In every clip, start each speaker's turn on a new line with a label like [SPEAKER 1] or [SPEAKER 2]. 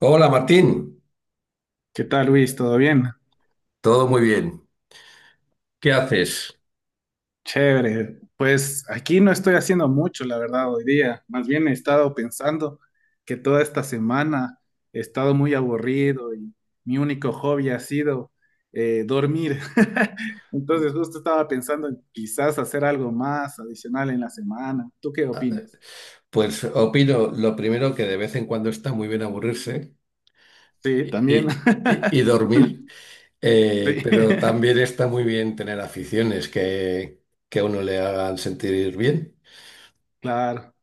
[SPEAKER 1] Hola Martín,
[SPEAKER 2] ¿Qué tal, Luis? ¿Todo bien?
[SPEAKER 1] todo muy bien. ¿Qué haces?
[SPEAKER 2] Chévere. Pues aquí no estoy haciendo mucho, la verdad, hoy día. Más bien he estado pensando que toda esta semana he estado muy aburrido y mi único hobby ha sido dormir. Entonces justo estaba pensando en quizás hacer algo más adicional en la semana. ¿Tú qué opinas?
[SPEAKER 1] Pues opino lo primero que de vez en cuando está muy bien aburrirse
[SPEAKER 2] Sí,
[SPEAKER 1] y,
[SPEAKER 2] también.
[SPEAKER 1] y- y- y dormir,
[SPEAKER 2] Sí,
[SPEAKER 1] pero también está muy bien tener aficiones que a uno le hagan sentir bien.
[SPEAKER 2] claro.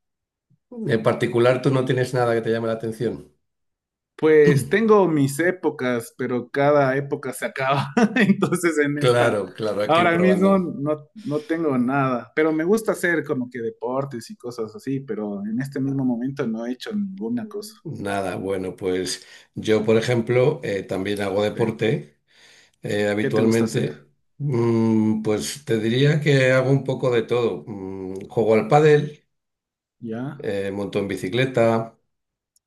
[SPEAKER 1] En particular, ¿tú no tienes nada que te llame la atención?
[SPEAKER 2] Pues tengo mis épocas, pero cada época se acaba. Entonces en esta,
[SPEAKER 1] Claro, claro, hay que ir
[SPEAKER 2] ahora mismo
[SPEAKER 1] probando.
[SPEAKER 2] no tengo nada, pero me gusta hacer como que deportes y cosas así, pero en este mismo momento no he hecho ninguna cosa.
[SPEAKER 1] Nada, bueno, pues yo, por ejemplo, también hago
[SPEAKER 2] Sí.
[SPEAKER 1] deporte. eh,
[SPEAKER 2] ¿Qué te gusta hacer?
[SPEAKER 1] habitualmente, pues te diría que hago un poco de todo. Juego al pádel,
[SPEAKER 2] Ya,
[SPEAKER 1] monto en bicicleta,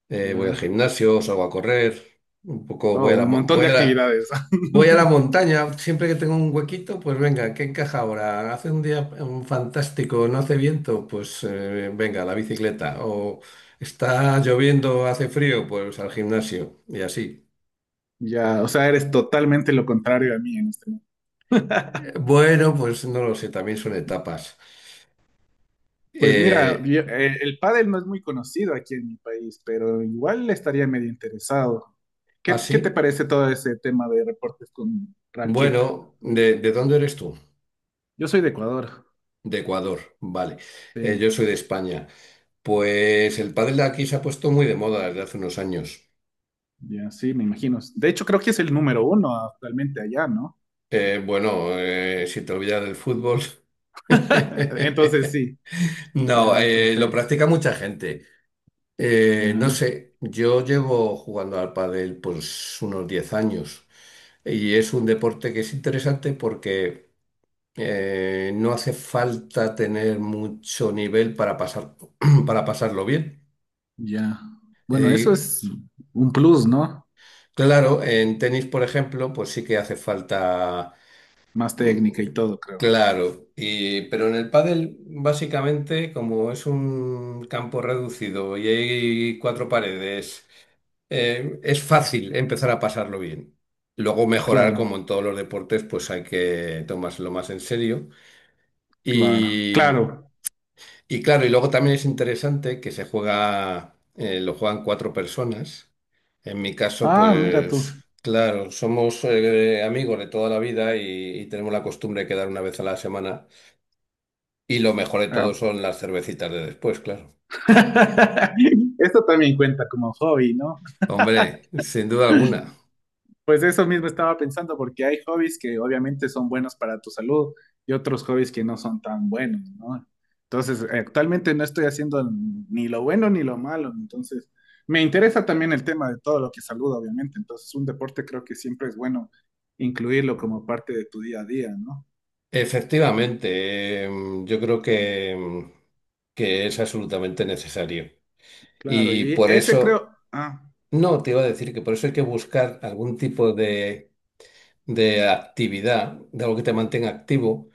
[SPEAKER 1] voy al
[SPEAKER 2] ya.
[SPEAKER 1] gimnasio, salgo a correr, un poco
[SPEAKER 2] Oh,
[SPEAKER 1] voy a la,
[SPEAKER 2] un
[SPEAKER 1] mo-
[SPEAKER 2] montón de actividades.
[SPEAKER 1] voy a la montaña. Siempre que tengo un huequito, pues venga, ¿qué encaja ahora? Hace un día fantástico, no hace viento, pues venga, la bicicleta. O está lloviendo, hace frío, pues al gimnasio y así.
[SPEAKER 2] Ya, o sea, eres totalmente lo contrario a mí en este.
[SPEAKER 1] Bueno, pues no lo sé, también son etapas.
[SPEAKER 2] Pues mira,
[SPEAKER 1] Eh,
[SPEAKER 2] el pádel no es muy conocido aquí en mi país, pero igual estaría medio interesado.
[SPEAKER 1] Ah,
[SPEAKER 2] ¿Qué te
[SPEAKER 1] sí.
[SPEAKER 2] parece todo ese tema de reportes con raqueta?
[SPEAKER 1] Bueno, ¿de dónde eres tú?
[SPEAKER 2] Yo soy de Ecuador.
[SPEAKER 1] De Ecuador, vale. Yo
[SPEAKER 2] Sí,
[SPEAKER 1] soy de España. Pues el pádel de aquí se ha puesto muy de moda desde hace unos años.
[SPEAKER 2] ya sí, me imagino. De hecho, creo que es el número uno actualmente allá, ¿no?
[SPEAKER 1] Bueno, si te olvidas del fútbol.
[SPEAKER 2] Entonces sí,
[SPEAKER 1] No,
[SPEAKER 2] ya,
[SPEAKER 1] lo
[SPEAKER 2] perfecto.
[SPEAKER 1] practica mucha gente. No
[SPEAKER 2] Ya,
[SPEAKER 1] sé, yo llevo jugando al pádel pues unos 10 años y es un deporte que es interesante porque no hace falta tener mucho nivel para pasar, para pasarlo bien.
[SPEAKER 2] ya. Bueno, eso
[SPEAKER 1] Eh,
[SPEAKER 2] es un plus, ¿no?
[SPEAKER 1] claro, en tenis, por ejemplo, pues sí que hace falta,
[SPEAKER 2] Más
[SPEAKER 1] mm,
[SPEAKER 2] técnica y todo, creo.
[SPEAKER 1] claro, pero en el pádel, básicamente, como es un campo reducido y hay cuatro paredes, es fácil empezar a pasarlo bien. Luego mejorar, como
[SPEAKER 2] Claro,
[SPEAKER 1] en todos los deportes, pues hay que tomárselo más en serio.
[SPEAKER 2] claro,
[SPEAKER 1] Y,
[SPEAKER 2] claro.
[SPEAKER 1] Y claro, y luego también es interesante que se juega, lo juegan cuatro personas. En mi caso,
[SPEAKER 2] Ah, mira
[SPEAKER 1] pues
[SPEAKER 2] tú.
[SPEAKER 1] claro, somos amigos de toda la vida y tenemos la costumbre de quedar una vez a la semana. Y lo mejor de todo
[SPEAKER 2] Ah,
[SPEAKER 1] son las cervecitas de después, claro.
[SPEAKER 2] esto también cuenta como hobby, ¿no?
[SPEAKER 1] Hombre, sin duda alguna.
[SPEAKER 2] Pues eso mismo estaba pensando, porque hay hobbies que obviamente son buenos para tu salud y otros hobbies que no son tan buenos, ¿no? Entonces, actualmente no estoy haciendo ni lo bueno ni lo malo, entonces me interesa también el tema de todo lo que es salud, obviamente, entonces un deporte creo que siempre es bueno incluirlo como parte de tu día a día, ¿no?
[SPEAKER 1] Efectivamente, yo creo que es absolutamente necesario.
[SPEAKER 2] Claro,
[SPEAKER 1] Y
[SPEAKER 2] y
[SPEAKER 1] por
[SPEAKER 2] ese creo,
[SPEAKER 1] eso,
[SPEAKER 2] ah,
[SPEAKER 1] no, te iba a decir que por eso hay que buscar algún tipo de actividad, de algo que te mantenga activo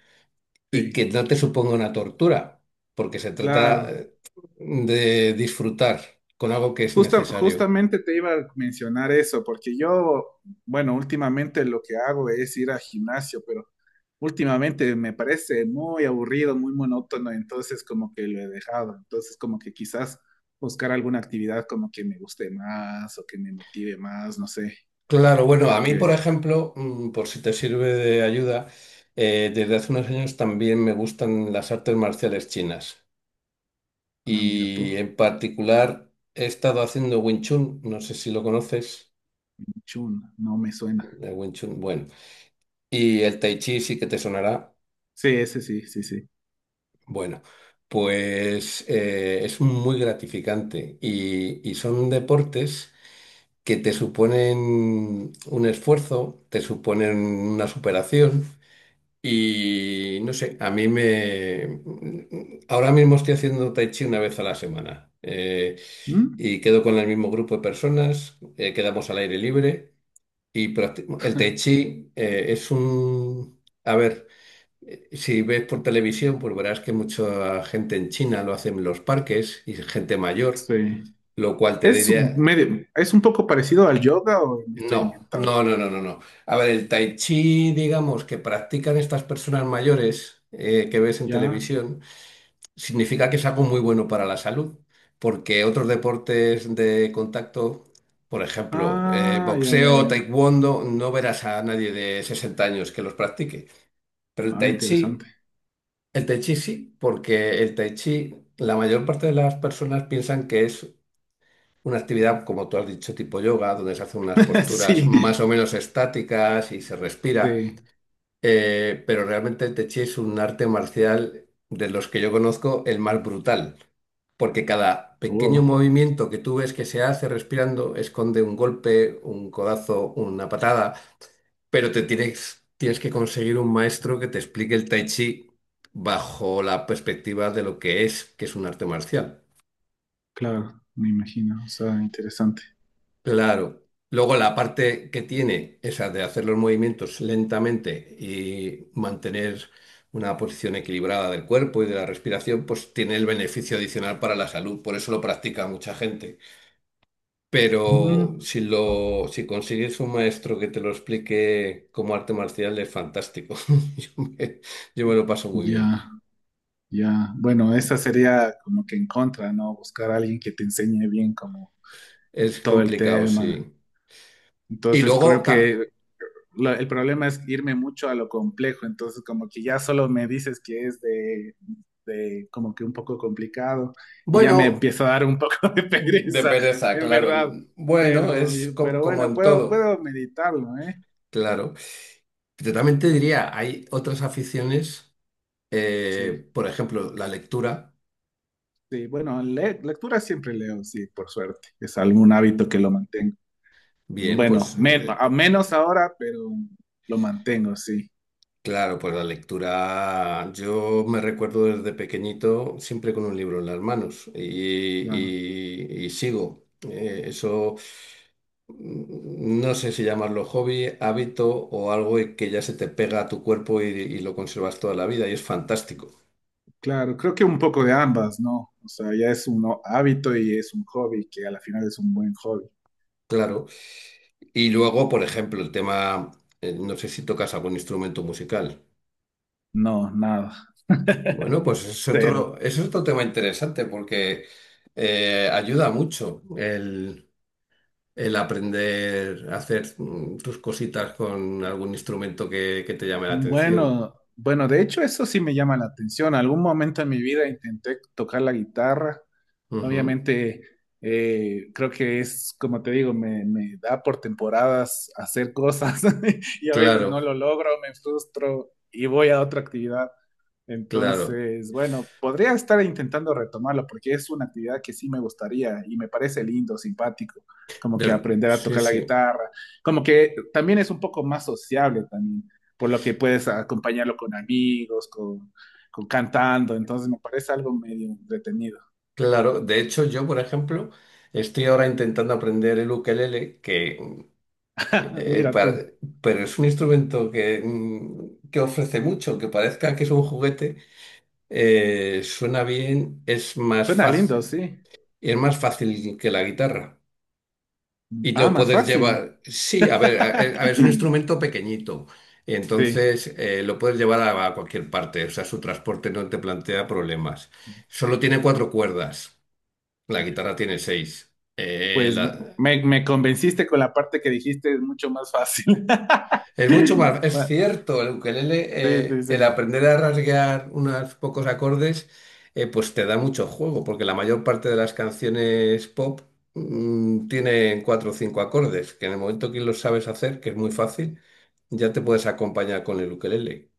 [SPEAKER 1] y
[SPEAKER 2] sí,
[SPEAKER 1] que no te suponga una tortura, porque se trata
[SPEAKER 2] claro.
[SPEAKER 1] de disfrutar con algo que es necesario.
[SPEAKER 2] Justamente te iba a mencionar eso, porque yo, bueno, últimamente lo que hago es ir al gimnasio, pero últimamente me parece muy aburrido, muy monótono, entonces como que lo he dejado, entonces como que quizás buscar alguna actividad como que me guste más o que me motive más, no sé,
[SPEAKER 1] Claro, bueno, a
[SPEAKER 2] creo
[SPEAKER 1] mí, por
[SPEAKER 2] que,
[SPEAKER 1] ejemplo, por si te sirve de ayuda, desde hace unos años también me gustan las artes marciales chinas
[SPEAKER 2] ah, mira
[SPEAKER 1] y
[SPEAKER 2] tú,
[SPEAKER 1] en particular he estado haciendo Wing Chun, no sé si lo conoces,
[SPEAKER 2] chun, no me suena.
[SPEAKER 1] el Wing Chun, bueno, y el Tai Chi sí que te sonará.
[SPEAKER 2] Sí, ese sí, sí, sí.
[SPEAKER 1] Bueno, pues es muy gratificante y son deportes que te suponen un esfuerzo, te suponen una superación y no sé, a mí me... Ahora mismo estoy haciendo tai chi una vez a la semana,
[SPEAKER 2] ¿Mm?
[SPEAKER 1] y quedo con el mismo grupo de personas, quedamos al aire libre y el tai chi es un... A ver. Si ves por televisión, pues verás que mucha gente en China lo hace en los parques y gente mayor,
[SPEAKER 2] Sí.
[SPEAKER 1] lo cual te
[SPEAKER 2] Es un
[SPEAKER 1] diría,
[SPEAKER 2] medio, es un poco parecido al yoga o me estoy
[SPEAKER 1] no,
[SPEAKER 2] inventando,
[SPEAKER 1] no, no, no, no, no. A ver, el tai chi, digamos, que practican estas personas mayores, que ves en
[SPEAKER 2] ¿ya?
[SPEAKER 1] televisión, significa que es algo muy bueno para la salud, porque otros deportes de contacto, por ejemplo,
[SPEAKER 2] Ah, ya, ya,
[SPEAKER 1] boxeo,
[SPEAKER 2] ya.
[SPEAKER 1] taekwondo, no verás a nadie de 60 años que los practique. Pero el
[SPEAKER 2] Ah,
[SPEAKER 1] tai
[SPEAKER 2] interesante.
[SPEAKER 1] chi... El tai chi sí, porque el tai chi, la mayor parte de las personas piensan que es una actividad, como tú has dicho, tipo yoga, donde se hacen unas posturas
[SPEAKER 2] Sí,
[SPEAKER 1] más o menos estáticas y se respira.
[SPEAKER 2] sí.
[SPEAKER 1] Pero realmente el tai chi es un arte marcial de los que yo conozco el más brutal, porque cada pequeño
[SPEAKER 2] Oh,
[SPEAKER 1] movimiento que tú ves que se hace respirando esconde un golpe, un codazo, una patada. Pero tienes que conseguir un maestro que te explique el Tai Chi bajo la perspectiva de lo que es un arte marcial.
[SPEAKER 2] claro, me imagino. O sea, interesante.
[SPEAKER 1] Claro. Luego la parte que tiene, esa de hacer los movimientos lentamente y mantener una posición equilibrada del cuerpo y de la respiración, pues tiene el beneficio adicional para la salud. Por eso lo practica mucha gente. Pero
[SPEAKER 2] Mm,
[SPEAKER 1] si consigues un maestro que te lo explique como arte marcial, es fantástico. Yo me, yo me lo paso muy bien.
[SPEAKER 2] ya, ya. Bueno, esa sería como que en contra, ¿no? Buscar a alguien que te enseñe bien como
[SPEAKER 1] Es
[SPEAKER 2] todo el
[SPEAKER 1] complicado,
[SPEAKER 2] tema.
[SPEAKER 1] sí. Y
[SPEAKER 2] Entonces,
[SPEAKER 1] luego,
[SPEAKER 2] creo que el problema es irme mucho a lo complejo, entonces como que ya solo me dices que es de como que un poco complicado y ya me
[SPEAKER 1] bueno,
[SPEAKER 2] empieza a dar un poco de
[SPEAKER 1] de
[SPEAKER 2] pereza,
[SPEAKER 1] pereza,
[SPEAKER 2] en
[SPEAKER 1] claro.
[SPEAKER 2] verdad.
[SPEAKER 1] Bueno,
[SPEAKER 2] Pero,
[SPEAKER 1] es
[SPEAKER 2] pero
[SPEAKER 1] como
[SPEAKER 2] bueno,
[SPEAKER 1] en
[SPEAKER 2] puedo,
[SPEAKER 1] todo,
[SPEAKER 2] puedo meditarlo, ¿eh?
[SPEAKER 1] claro. Yo también te diría, hay otras aficiones,
[SPEAKER 2] Sí,
[SPEAKER 1] por ejemplo, la lectura.
[SPEAKER 2] sí, bueno, lectura siempre leo, sí, por suerte, es algún hábito que lo mantengo.
[SPEAKER 1] Bien,
[SPEAKER 2] Bueno,
[SPEAKER 1] pues
[SPEAKER 2] a menos ahora, pero lo mantengo, sí,
[SPEAKER 1] claro, pues la lectura, yo me recuerdo desde pequeñito siempre con un libro en las manos y,
[SPEAKER 2] claro.
[SPEAKER 1] y- y sigo. Eso no sé si llamarlo hobby, hábito o algo que ya se te pega a tu cuerpo y lo conservas toda la vida y es fantástico,
[SPEAKER 2] Claro, creo que un poco de ambas, ¿no? O sea, ya es un hábito y es un hobby, que a la final es un buen hobby.
[SPEAKER 1] claro. Y luego, por ejemplo, el tema, no sé si tocas algún instrumento musical.
[SPEAKER 2] No, nada.
[SPEAKER 1] Bueno, pues es
[SPEAKER 2] Cero.
[SPEAKER 1] otro, es otro tema interesante porque ayuda mucho el aprender a hacer tus cositas con algún instrumento que te llame la atención.
[SPEAKER 2] Bueno, bueno, de hecho eso sí me llama la atención. Algún momento en mi vida intenté tocar la guitarra.
[SPEAKER 1] Ujú.
[SPEAKER 2] Obviamente, creo que es, como te digo, me da por temporadas hacer cosas y a veces
[SPEAKER 1] Claro,
[SPEAKER 2] no lo logro, me frustro y voy a otra actividad.
[SPEAKER 1] claro.
[SPEAKER 2] Entonces, bueno, podría estar intentando retomarlo porque es una actividad que sí me gustaría y me parece lindo, simpático, como que aprender a
[SPEAKER 1] Sí,
[SPEAKER 2] tocar la
[SPEAKER 1] sí.
[SPEAKER 2] guitarra, como que también es un poco más sociable también, por lo que puedes acompañarlo con amigos, con cantando, entonces me parece algo medio entretenido.
[SPEAKER 1] Claro, de hecho yo, por ejemplo, estoy ahora intentando aprender el ukelele, eh,
[SPEAKER 2] Mira tú.
[SPEAKER 1] para- pero es un instrumento que ofrece mucho, que parezca que es un juguete, suena bien, es más
[SPEAKER 2] Suena lindo,
[SPEAKER 1] fácil,
[SPEAKER 2] sí.
[SPEAKER 1] y es más fácil que la guitarra. Y
[SPEAKER 2] Ah,
[SPEAKER 1] lo
[SPEAKER 2] más
[SPEAKER 1] puedes
[SPEAKER 2] fácil.
[SPEAKER 1] llevar, sí, a ver, es un instrumento pequeñito,
[SPEAKER 2] Sí.
[SPEAKER 1] entonces lo puedes llevar a cualquier parte, o sea, su transporte no te plantea problemas. Solo tiene cuatro cuerdas. La guitarra tiene seis.
[SPEAKER 2] Pues me convenciste con la parte que dijiste, es mucho más fácil.
[SPEAKER 1] Es mucho más, es
[SPEAKER 2] Bueno,
[SPEAKER 1] cierto, el ukelele,
[SPEAKER 2] sí, sí,
[SPEAKER 1] el
[SPEAKER 2] sí.
[SPEAKER 1] aprender a rasguear unos pocos acordes, pues te da mucho juego, porque la mayor parte de las canciones pop tienen cuatro o cinco acordes, que en el momento que los sabes hacer, que es muy fácil, ya te puedes acompañar con el ukelele.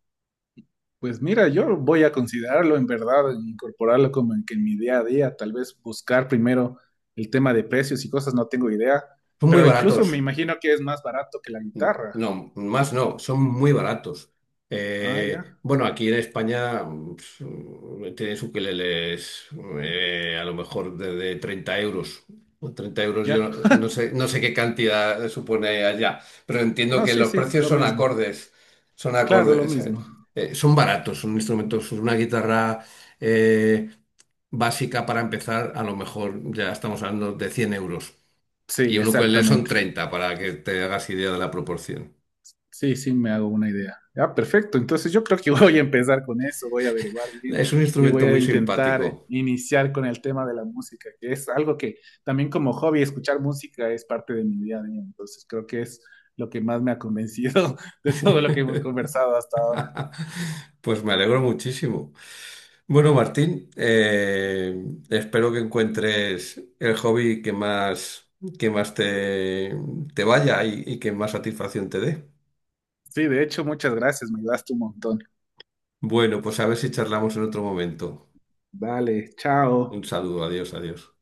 [SPEAKER 2] Pues mira, yo voy a considerarlo en verdad, en incorporarlo como en que en mi día a día, tal vez buscar primero el tema de precios y cosas, no tengo idea,
[SPEAKER 1] Son muy
[SPEAKER 2] pero incluso me
[SPEAKER 1] baratos.
[SPEAKER 2] imagino que es más barato que la guitarra.
[SPEAKER 1] No, más no, son muy baratos.
[SPEAKER 2] Ah,
[SPEAKER 1] Eh,
[SPEAKER 2] ya,
[SPEAKER 1] bueno, aquí en España tienes ukeleles a lo mejor de 30 euros. O 30 euros, yo
[SPEAKER 2] ya.
[SPEAKER 1] no no sé, qué cantidad supone allá, pero entiendo
[SPEAKER 2] No,
[SPEAKER 1] que
[SPEAKER 2] sí,
[SPEAKER 1] los
[SPEAKER 2] sí,
[SPEAKER 1] precios
[SPEAKER 2] lo
[SPEAKER 1] son
[SPEAKER 2] mismo.
[SPEAKER 1] acordes, son
[SPEAKER 2] Claro, lo
[SPEAKER 1] acordes,
[SPEAKER 2] mismo.
[SPEAKER 1] son baratos, son instrumentos, una guitarra eh, básica para empezar, a lo mejor ya estamos hablando de 100 euros. Y
[SPEAKER 2] Sí,
[SPEAKER 1] un ukelele son
[SPEAKER 2] exactamente.
[SPEAKER 1] 30 para que te hagas idea de la proporción.
[SPEAKER 2] Sí, sí, me hago una idea. Ah, perfecto. Entonces yo creo que voy a empezar con eso, voy a averiguar bien
[SPEAKER 1] Es un
[SPEAKER 2] y
[SPEAKER 1] instrumento
[SPEAKER 2] voy a
[SPEAKER 1] muy
[SPEAKER 2] intentar
[SPEAKER 1] simpático.
[SPEAKER 2] iniciar con el tema de la música, que es algo que también como hobby, escuchar música es parte de mi día a día. Entonces creo que es lo que más me ha convencido de todo lo que hemos conversado hasta ahora.
[SPEAKER 1] Pues me alegro muchísimo. Bueno, Martín, espero que encuentres el hobby que más te vaya y que más satisfacción te dé.
[SPEAKER 2] Sí, de hecho, muchas gracias, me ayudaste un montón.
[SPEAKER 1] Bueno, pues a ver si charlamos en otro momento.
[SPEAKER 2] Vale,
[SPEAKER 1] Un
[SPEAKER 2] chao.
[SPEAKER 1] saludo, adiós, adiós.